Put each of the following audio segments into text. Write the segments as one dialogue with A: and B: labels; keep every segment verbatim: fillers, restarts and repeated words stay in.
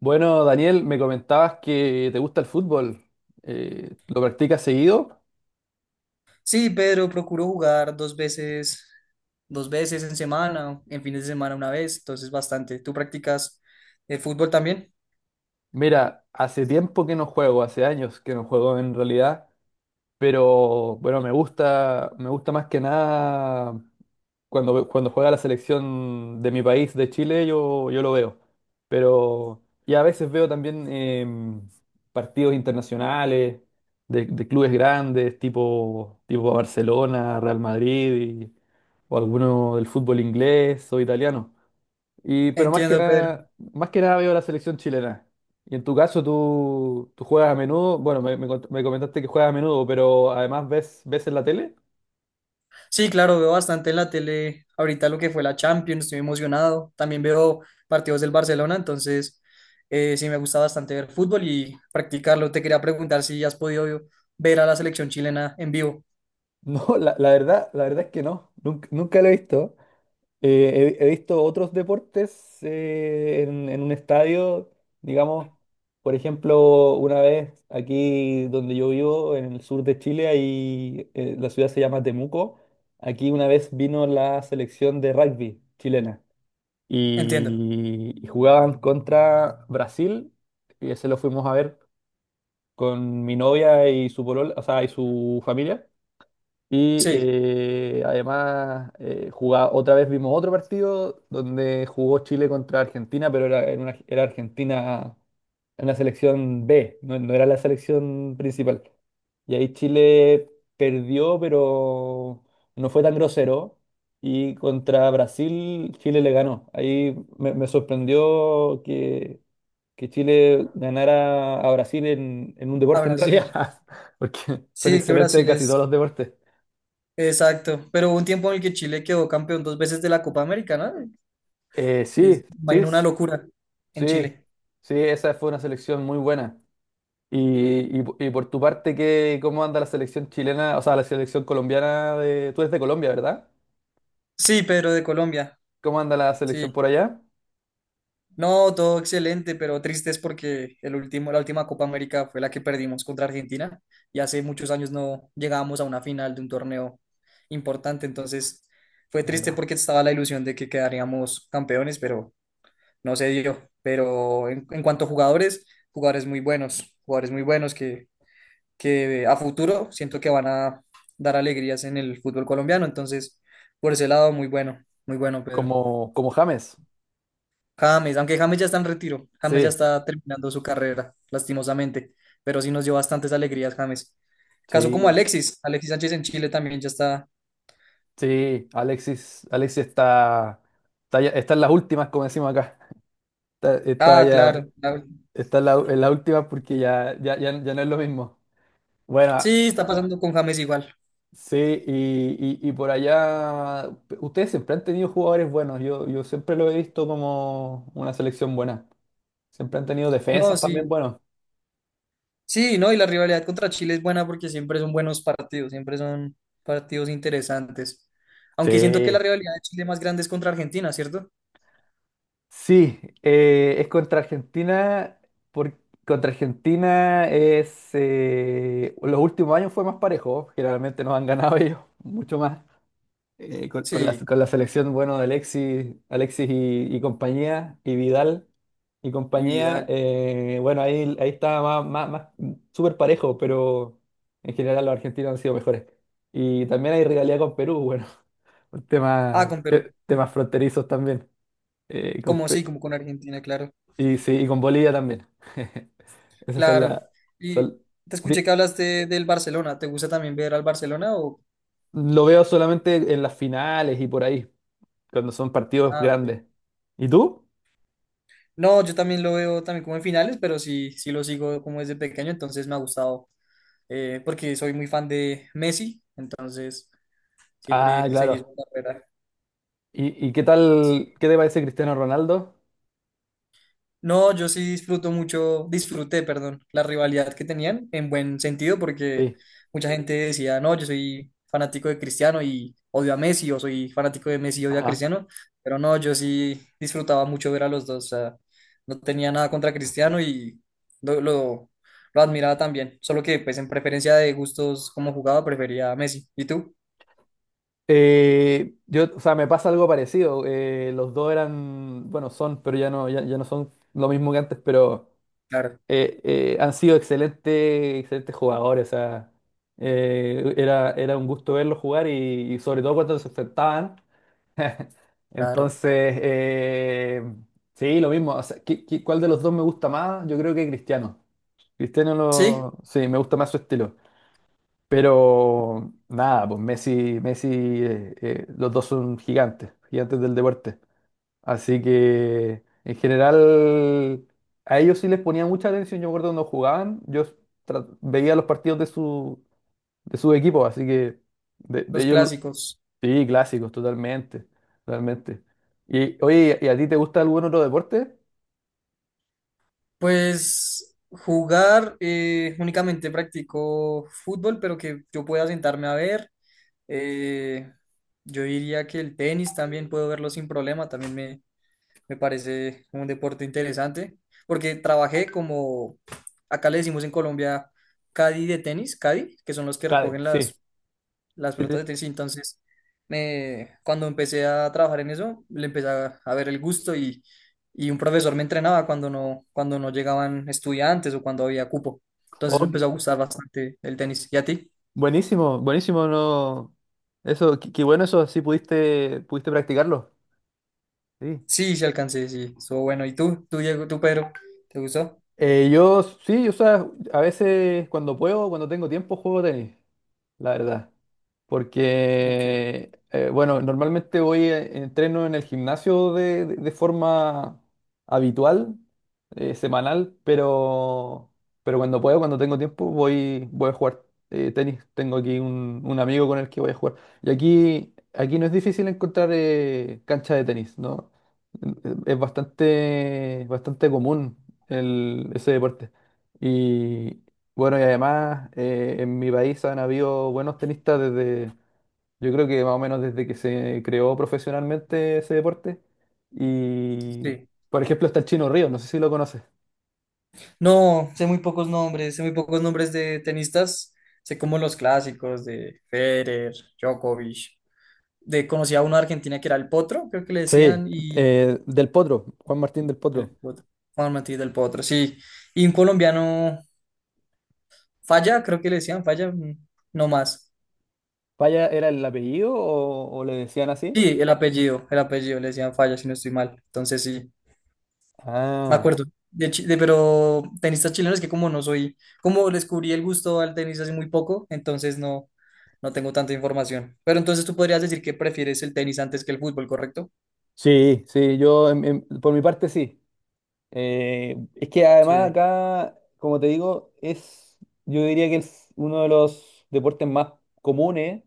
A: Bueno, Daniel, me comentabas que te gusta el fútbol. Eh, ¿lo practicas seguido?
B: Sí, Pedro, procuro jugar dos veces, dos veces en semana, en fines de semana una vez, entonces bastante. ¿Tú practicas el fútbol también?
A: Mira, hace tiempo que no juego, hace años que no juego en realidad, pero bueno, me gusta, me gusta más que nada Cuando, cuando juega la selección de mi país, de Chile, yo, yo lo veo. Pero, y a veces veo también em, partidos internacionales de, de clubes grandes, tipo, tipo Barcelona, Real Madrid, y- o alguno del fútbol inglés o italiano. Y, pero más que
B: Entiendo, Pedro.
A: nada, más que nada veo la selección chilena. Y en tu caso, tú, tú juegas a menudo, bueno, me, me cont- me comentaste que juegas a menudo, pero además ves, ves en la tele.
B: Sí, claro, veo bastante en la tele ahorita lo que fue la Champions, estoy emocionado. También veo partidos del Barcelona, entonces eh, sí me gusta bastante ver fútbol y practicarlo. Te quería preguntar si has podido ver a la selección chilena en vivo.
A: No, la, la verdad, la verdad es que no, nunca, nunca lo he visto. Eh, he, he visto otros deportes eh, en, en un estadio, digamos, por ejemplo, una vez aquí donde yo vivo, en el sur de Chile, ahí, eh, la ciudad se llama Temuco. Aquí una vez vino la selección de rugby chilena
B: Entiendo.
A: y, y jugaban contra Brasil y ese lo fuimos a ver con mi novia y su polola, o sea, y su familia. Y
B: Sí,
A: eh, además, eh, jugá- otra vez vimos otro partido donde jugó Chile contra Argentina, pero era, en una- era Argentina en la selección B, no, no era la selección principal. Y ahí Chile perdió, pero no fue tan grosero. Y contra Brasil, Chile le ganó. Ahí me, me sorprendió que, que Chile ganara a Brasil en, en un
B: a
A: deporte en
B: Brasil.
A: realidad, porque son
B: Sí, que
A: excelentes
B: Brasil
A: en casi todos
B: es.
A: los deportes.
B: Exacto, pero hubo un tiempo en el que Chile quedó campeón dos veces de la Copa América, ¿no?
A: Eh, sí,
B: Es-
A: sí,
B: imagino una locura en
A: sí,
B: Chile.
A: sí, esa fue una selección muy buena. Y, y, y por tu parte, ¿qué, cómo anda la selección chilena, o sea, la selección colombiana de... Tú eres de Colombia, ¿verdad?
B: Sí, pero de Colombia.
A: ¿Cómo anda la selección
B: Sí.
A: por allá?
B: No, todo excelente, pero triste es porque el último, la última Copa América fue la que perdimos contra Argentina, y hace muchos años no llegábamos a una final de un torneo importante, entonces fue triste
A: ¿Verdad?
B: porque estaba la ilusión de que quedaríamos campeones, pero no se dio. Pero en, en cuanto a jugadores, jugadores muy buenos, jugadores muy buenos que que a futuro siento que van a dar alegrías en el fútbol colombiano. Entonces, por ese lado, muy bueno, muy bueno, Pedro.
A: Como, como James.
B: James, aunque James ya está en retiro, James ya
A: Sí,
B: está terminando su carrera, lastimosamente, pero sí nos dio bastantes alegrías, James. Caso como
A: sí,
B: Alexis, Alexis Sánchez en Chile también ya está.
A: sí. Alexis, Alexis está, está, ya- está en las últimas, como decimos acá. Está, está
B: Ah,
A: ya,
B: claro, claro.
A: está en la- en las últimas porque ya, ya, ya, ya no es lo mismo. Bueno,
B: Sí, está pasando con James igual.
A: sí, y, y- y por allá, ustedes siempre han tenido jugadores buenos, yo, yo siempre lo he visto como una selección buena, siempre han tenido
B: No,
A: defensas también
B: sí.
A: buenos.
B: Sí, no, y la rivalidad contra Chile es buena porque siempre son buenos partidos, siempre son partidos interesantes. Aunque siento que la
A: Sí,
B: rivalidad de Chile más grande es contra Argentina, ¿cierto?
A: sí, eh, es contra Argentina, por, contra Argentina es, eh, los últimos años fue más parejo, generalmente nos han ganado ellos mucho más, eh, con, con la,
B: Sí,
A: con la selección, bueno, de Alexis, Alexis y, y compañía, y Vidal y
B: y
A: compañía,
B: Vidal.
A: eh, bueno, ahí, ahí estaba más, más, más súper parejo, pero en general los argentinos han sido mejores. Y también hay rivalidad con Perú, bueno, por
B: Ah,
A: temas,
B: con Perú.
A: te-
B: Mm.
A: temas fronterizos también, eh, y, con,
B: Como
A: Pe-
B: sí, como con Argentina, claro.
A: y sí, y con Bolivia también. Esas son las...
B: Claro. Y
A: son-
B: te escuché
A: vi-
B: que hablaste del Barcelona. ¿Te gusta también ver al Barcelona o...?
A: lo veo solamente en las finales y por ahí, cuando son partidos
B: Ah, ok.
A: grandes. ¿Y tú?
B: No, yo también lo veo también como en finales, pero sí, sí lo sigo como desde pequeño, entonces me ha gustado, eh, porque soy muy fan de Messi, entonces
A: Ah,
B: siempre seguí su
A: claro.
B: carrera.
A: ¿Y, y qué tal, qué te parece Cristiano Ronaldo?
B: No, yo sí disfruto mucho, disfruté, perdón, la rivalidad que tenían en buen sentido porque
A: Sí,
B: mucha gente decía, no, yo soy fanático de Cristiano y odio a Messi, o soy fanático de Messi y odio a
A: ajá.
B: Cristiano, pero no, yo sí disfrutaba mucho ver a los dos, o sea, no tenía nada contra Cristiano y lo, lo, lo admiraba también, solo que pues en preferencia de gustos como jugaba prefería a Messi. ¿Y tú?
A: Eh, yo, o sea, me pasa algo parecido. Eh, los dos eran, bueno, son, pero ya no, ya, ya no son lo mismo que antes, pero
B: Claro,
A: eh, eh, han sido excelentes, excelentes jugadores. O sea, eh, era, era un gusto verlos jugar y, y sobre todo cuando se enfrentaban.
B: claro.
A: Entonces, eh, sí, lo mismo. O sea, ¿qué- qué- cuál de los dos me gusta más? Yo creo que Cristiano. Cristiano
B: Sí,
A: lo, sí, me gusta más su estilo. Pero nada, pues Messi, Messi, eh, eh, los dos son gigantes, gigantes del deporte. Así que en general a ellos sí les ponía mucha atención. Yo recuerdo cuando jugaban, yo tra- veía los partidos de su, de su equipo, así que de, de
B: los
A: ellos
B: clásicos.
A: sí, clásicos, totalmente, totalmente. Y oye, ¿y a ti te gusta algún otro deporte?
B: Pues jugar, eh, únicamente practico fútbol, pero que yo pueda sentarme a ver. Eh, yo diría que el tenis también puedo verlo sin problema, también me, me parece un deporte interesante, porque trabajé como, acá le decimos en Colombia, caddy de tenis, caddy, que son los que
A: Cade,
B: recogen
A: sí.
B: las las
A: Sí, sí.
B: pelotas de tenis. Y entonces, me, cuando empecé a trabajar en eso, le empecé a, a ver el gusto y, y un profesor me entrenaba cuando no, cuando no llegaban estudiantes o cuando había cupo. Entonces me
A: Oh, qué-
B: empezó a gustar bastante el tenis. ¿Y a ti?
A: buenísimo, buenísimo, no. Eso, qué, qué bueno eso, sí pudiste, pudiste practicarlo. Sí.
B: Sí, sí alcancé, sí, estuvo bueno. ¿Y tú? ¿Tú, Diego, tú, Pedro? ¿Te gustó?
A: Eh, yo sí, o sea, a veces cuando puedo, cuando tengo tiempo, juego tenis, la verdad.
B: Ok,
A: Porque, eh, bueno, normalmente voy, eh, entreno en el gimnasio de, de- de forma habitual, eh, semanal, pero, pero cuando puedo, cuando tengo tiempo, voy, voy a jugar eh, tenis. Tengo aquí un, un amigo con el que voy a jugar. Y aquí, aquí no es difícil encontrar eh, cancha de tenis, ¿no? Es bastante, bastante común. El, ese deporte. Y bueno, y además eh, en mi país han habido buenos tenistas desde, yo creo que más o menos desde que se creó profesionalmente ese deporte. Y
B: sí.
A: por ejemplo está el Chino Ríos, no sé si lo conoces.
B: No, sé muy pocos nombres, sé muy pocos nombres de tenistas. Sé como los clásicos de Federer, Djokovic. De, conocí a uno de Argentina que era el Potro, creo que le decían,
A: Sí,
B: y
A: eh, del Potro, Juan Martín del
B: el
A: Potro.
B: Potro. Juan Martí del Potro, sí. Y un colombiano, Falla, creo que le decían Falla, mm, no más.
A: ¿Paya era el apellido o, o le decían así?
B: Sí, el apellido, el apellido, le decían Falla, si no estoy mal. Entonces sí, me
A: Ah,
B: acuerdo. De, chi- de- pero tenistas chilenos que como no soy, como descubrí el gusto al tenis hace muy poco, entonces no, no tengo tanta información. Pero entonces tú podrías decir que prefieres el tenis antes que el fútbol, ¿correcto?
A: sí, sí, yo en- en- por mi parte sí. Eh, es que además
B: Sí.
A: acá, como te digo, es, yo diría que es uno de los deportes más comunes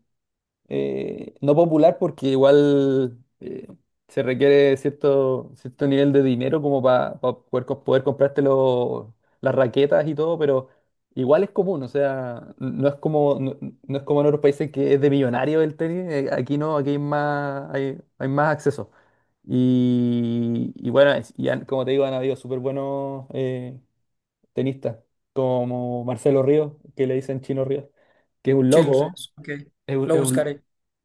A: eh, no popular porque igual eh, se requiere cierto, cierto nivel de dinero como para poder, co- poder comprarte los- las raquetas y todo, pero igual es común, o sea, no es como, no, no es como en otros países que es de millonario el tenis, eh, aquí no, aquí hay más, hay, hay más acceso. Y, y bueno, es- y han- como te digo, han habido súper buenos eh, tenistas, como Marcelo Ríos, que le dicen Chino Ríos, que es un
B: Chile,
A: loco,
B: ok,
A: es un,
B: lo
A: es un-
B: buscaré.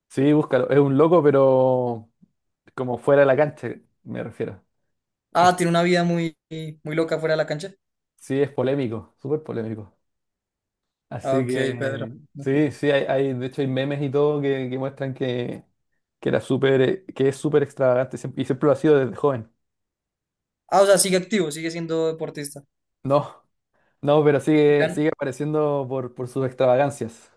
A: Sí, búscalo. Es un loco, pero como fuera de la cancha, me refiero.
B: Ah, tiene una vida muy, muy loca fuera de la cancha.
A: Sí, es polémico, súper polémico.
B: Ah,
A: Así
B: ok, Pedro.
A: que sí, sí, hay, hay- de hecho hay memes y todo que, que muestran que, que era súper, eh, que es súper extravagante siempre- y siempre lo ha sido desde joven.
B: Ah, o sea, sigue activo, sigue siendo deportista.
A: No, no, pero sigue,
B: Ya-
A: sigue apareciendo por, por sus extravagancias.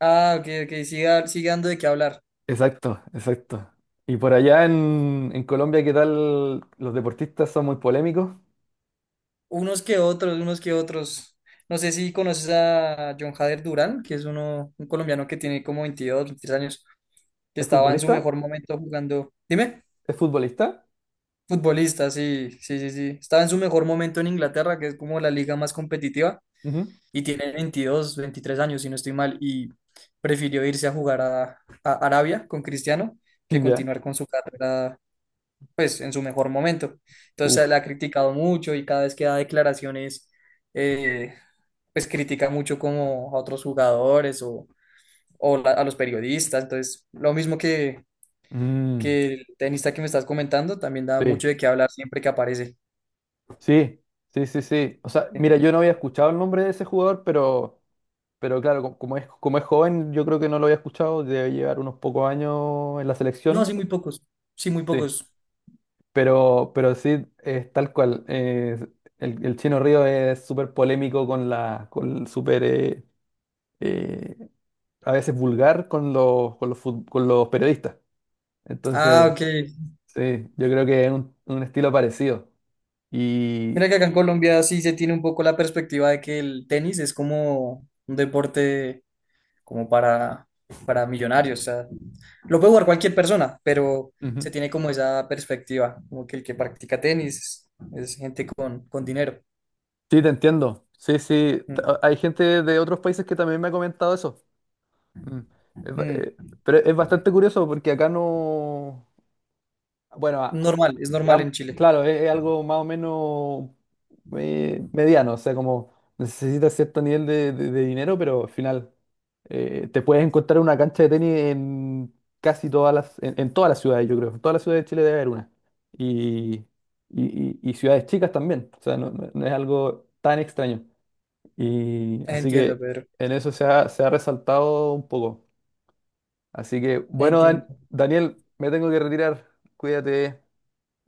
B: ah, ok, ok, siga- sigue dando de qué hablar.
A: Exacto, exacto. Y por allá en, en Colombia, ¿qué tal? Los deportistas son muy polémicos.
B: Unos que otros, unos que otros. No sé si conoces a John Jader Durán, que es uno, un colombiano que tiene como veintidós, veintitrés años, que
A: ¿Es
B: estaba en su
A: futbolista?
B: mejor momento jugando. Dime,
A: ¿Es futbolista?
B: futbolista, sí, sí, sí, sí. Estaba en su mejor momento en Inglaterra, que es como la liga más competitiva,
A: Ujú.
B: y tiene veintidós, veintitrés años, si no estoy mal, y prefirió irse a jugar a, a Arabia con Cristiano que
A: Ya.
B: continuar con su carrera pues en su mejor momento. Entonces la
A: Uf.
B: ha criticado mucho y cada vez que da declaraciones, eh, pues critica mucho como a otros jugadores o, o la- a los periodistas. Entonces, lo mismo que,
A: Mm.
B: que el tenista que me estás comentando, también da
A: Sí,
B: mucho de qué hablar siempre que aparece.
A: sí, sí, sí, sí. O sea, mira, yo no había escuchado el nombre de ese jugador, pero, pero claro, co- como es, como es joven, yo creo que no lo había escuchado, debe llevar unos pocos años en la
B: No, sí,
A: selección.
B: muy pocos. Sí, muy
A: Sí.
B: pocos.
A: Pero, pero sí, es tal cual. eh, el, el Chino Río es súper polémico con la, con súper, eh, eh, a veces vulgar con los, con los, fut- con los periodistas.
B: Ah,
A: Entonces,
B: ok.
A: sí, yo creo que es un, un estilo parecido.
B: Mira
A: Y,
B: que acá en Colombia sí se tiene un poco la perspectiva de que el tenis es como un deporte como para, para millonarios. O sea, lo puede jugar cualquier persona, pero se tiene como esa perspectiva, como que el que practica tenis es, gente con, con dinero.
A: sí, te entiendo. Sí, sí. T-
B: Mm,
A: a- Hay gente de otros países que también me ha comentado eso. Mm. Es ba- eh,
B: mm.
A: pero es bastante curioso porque acá no... Bueno, a-
B: Normal, es normal
A: digamos,
B: en Chile.
A: claro, es, es algo más o menos eh, mediano, o sea, como necesitas cierto nivel de, de- de dinero, pero al final eh, te puedes encontrar una cancha de tenis en casi todas las, en, en todas las ciudades, yo creo. En todas las ciudades de Chile debe haber una. Y, y, y- y ciudades chicas también. O sea, no no- no es algo tan extraño. Y así que
B: Entiendo, Pedro.
A: en eso se ha, se ha resaltado un poco. Así que, bueno, Dan-
B: Entiendo.
A: Daniel, me tengo que retirar. Cuídate,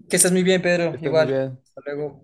B: Que estés muy bien,
A: que
B: Pedro.
A: estés muy
B: Igual.
A: bien.
B: Hasta luego.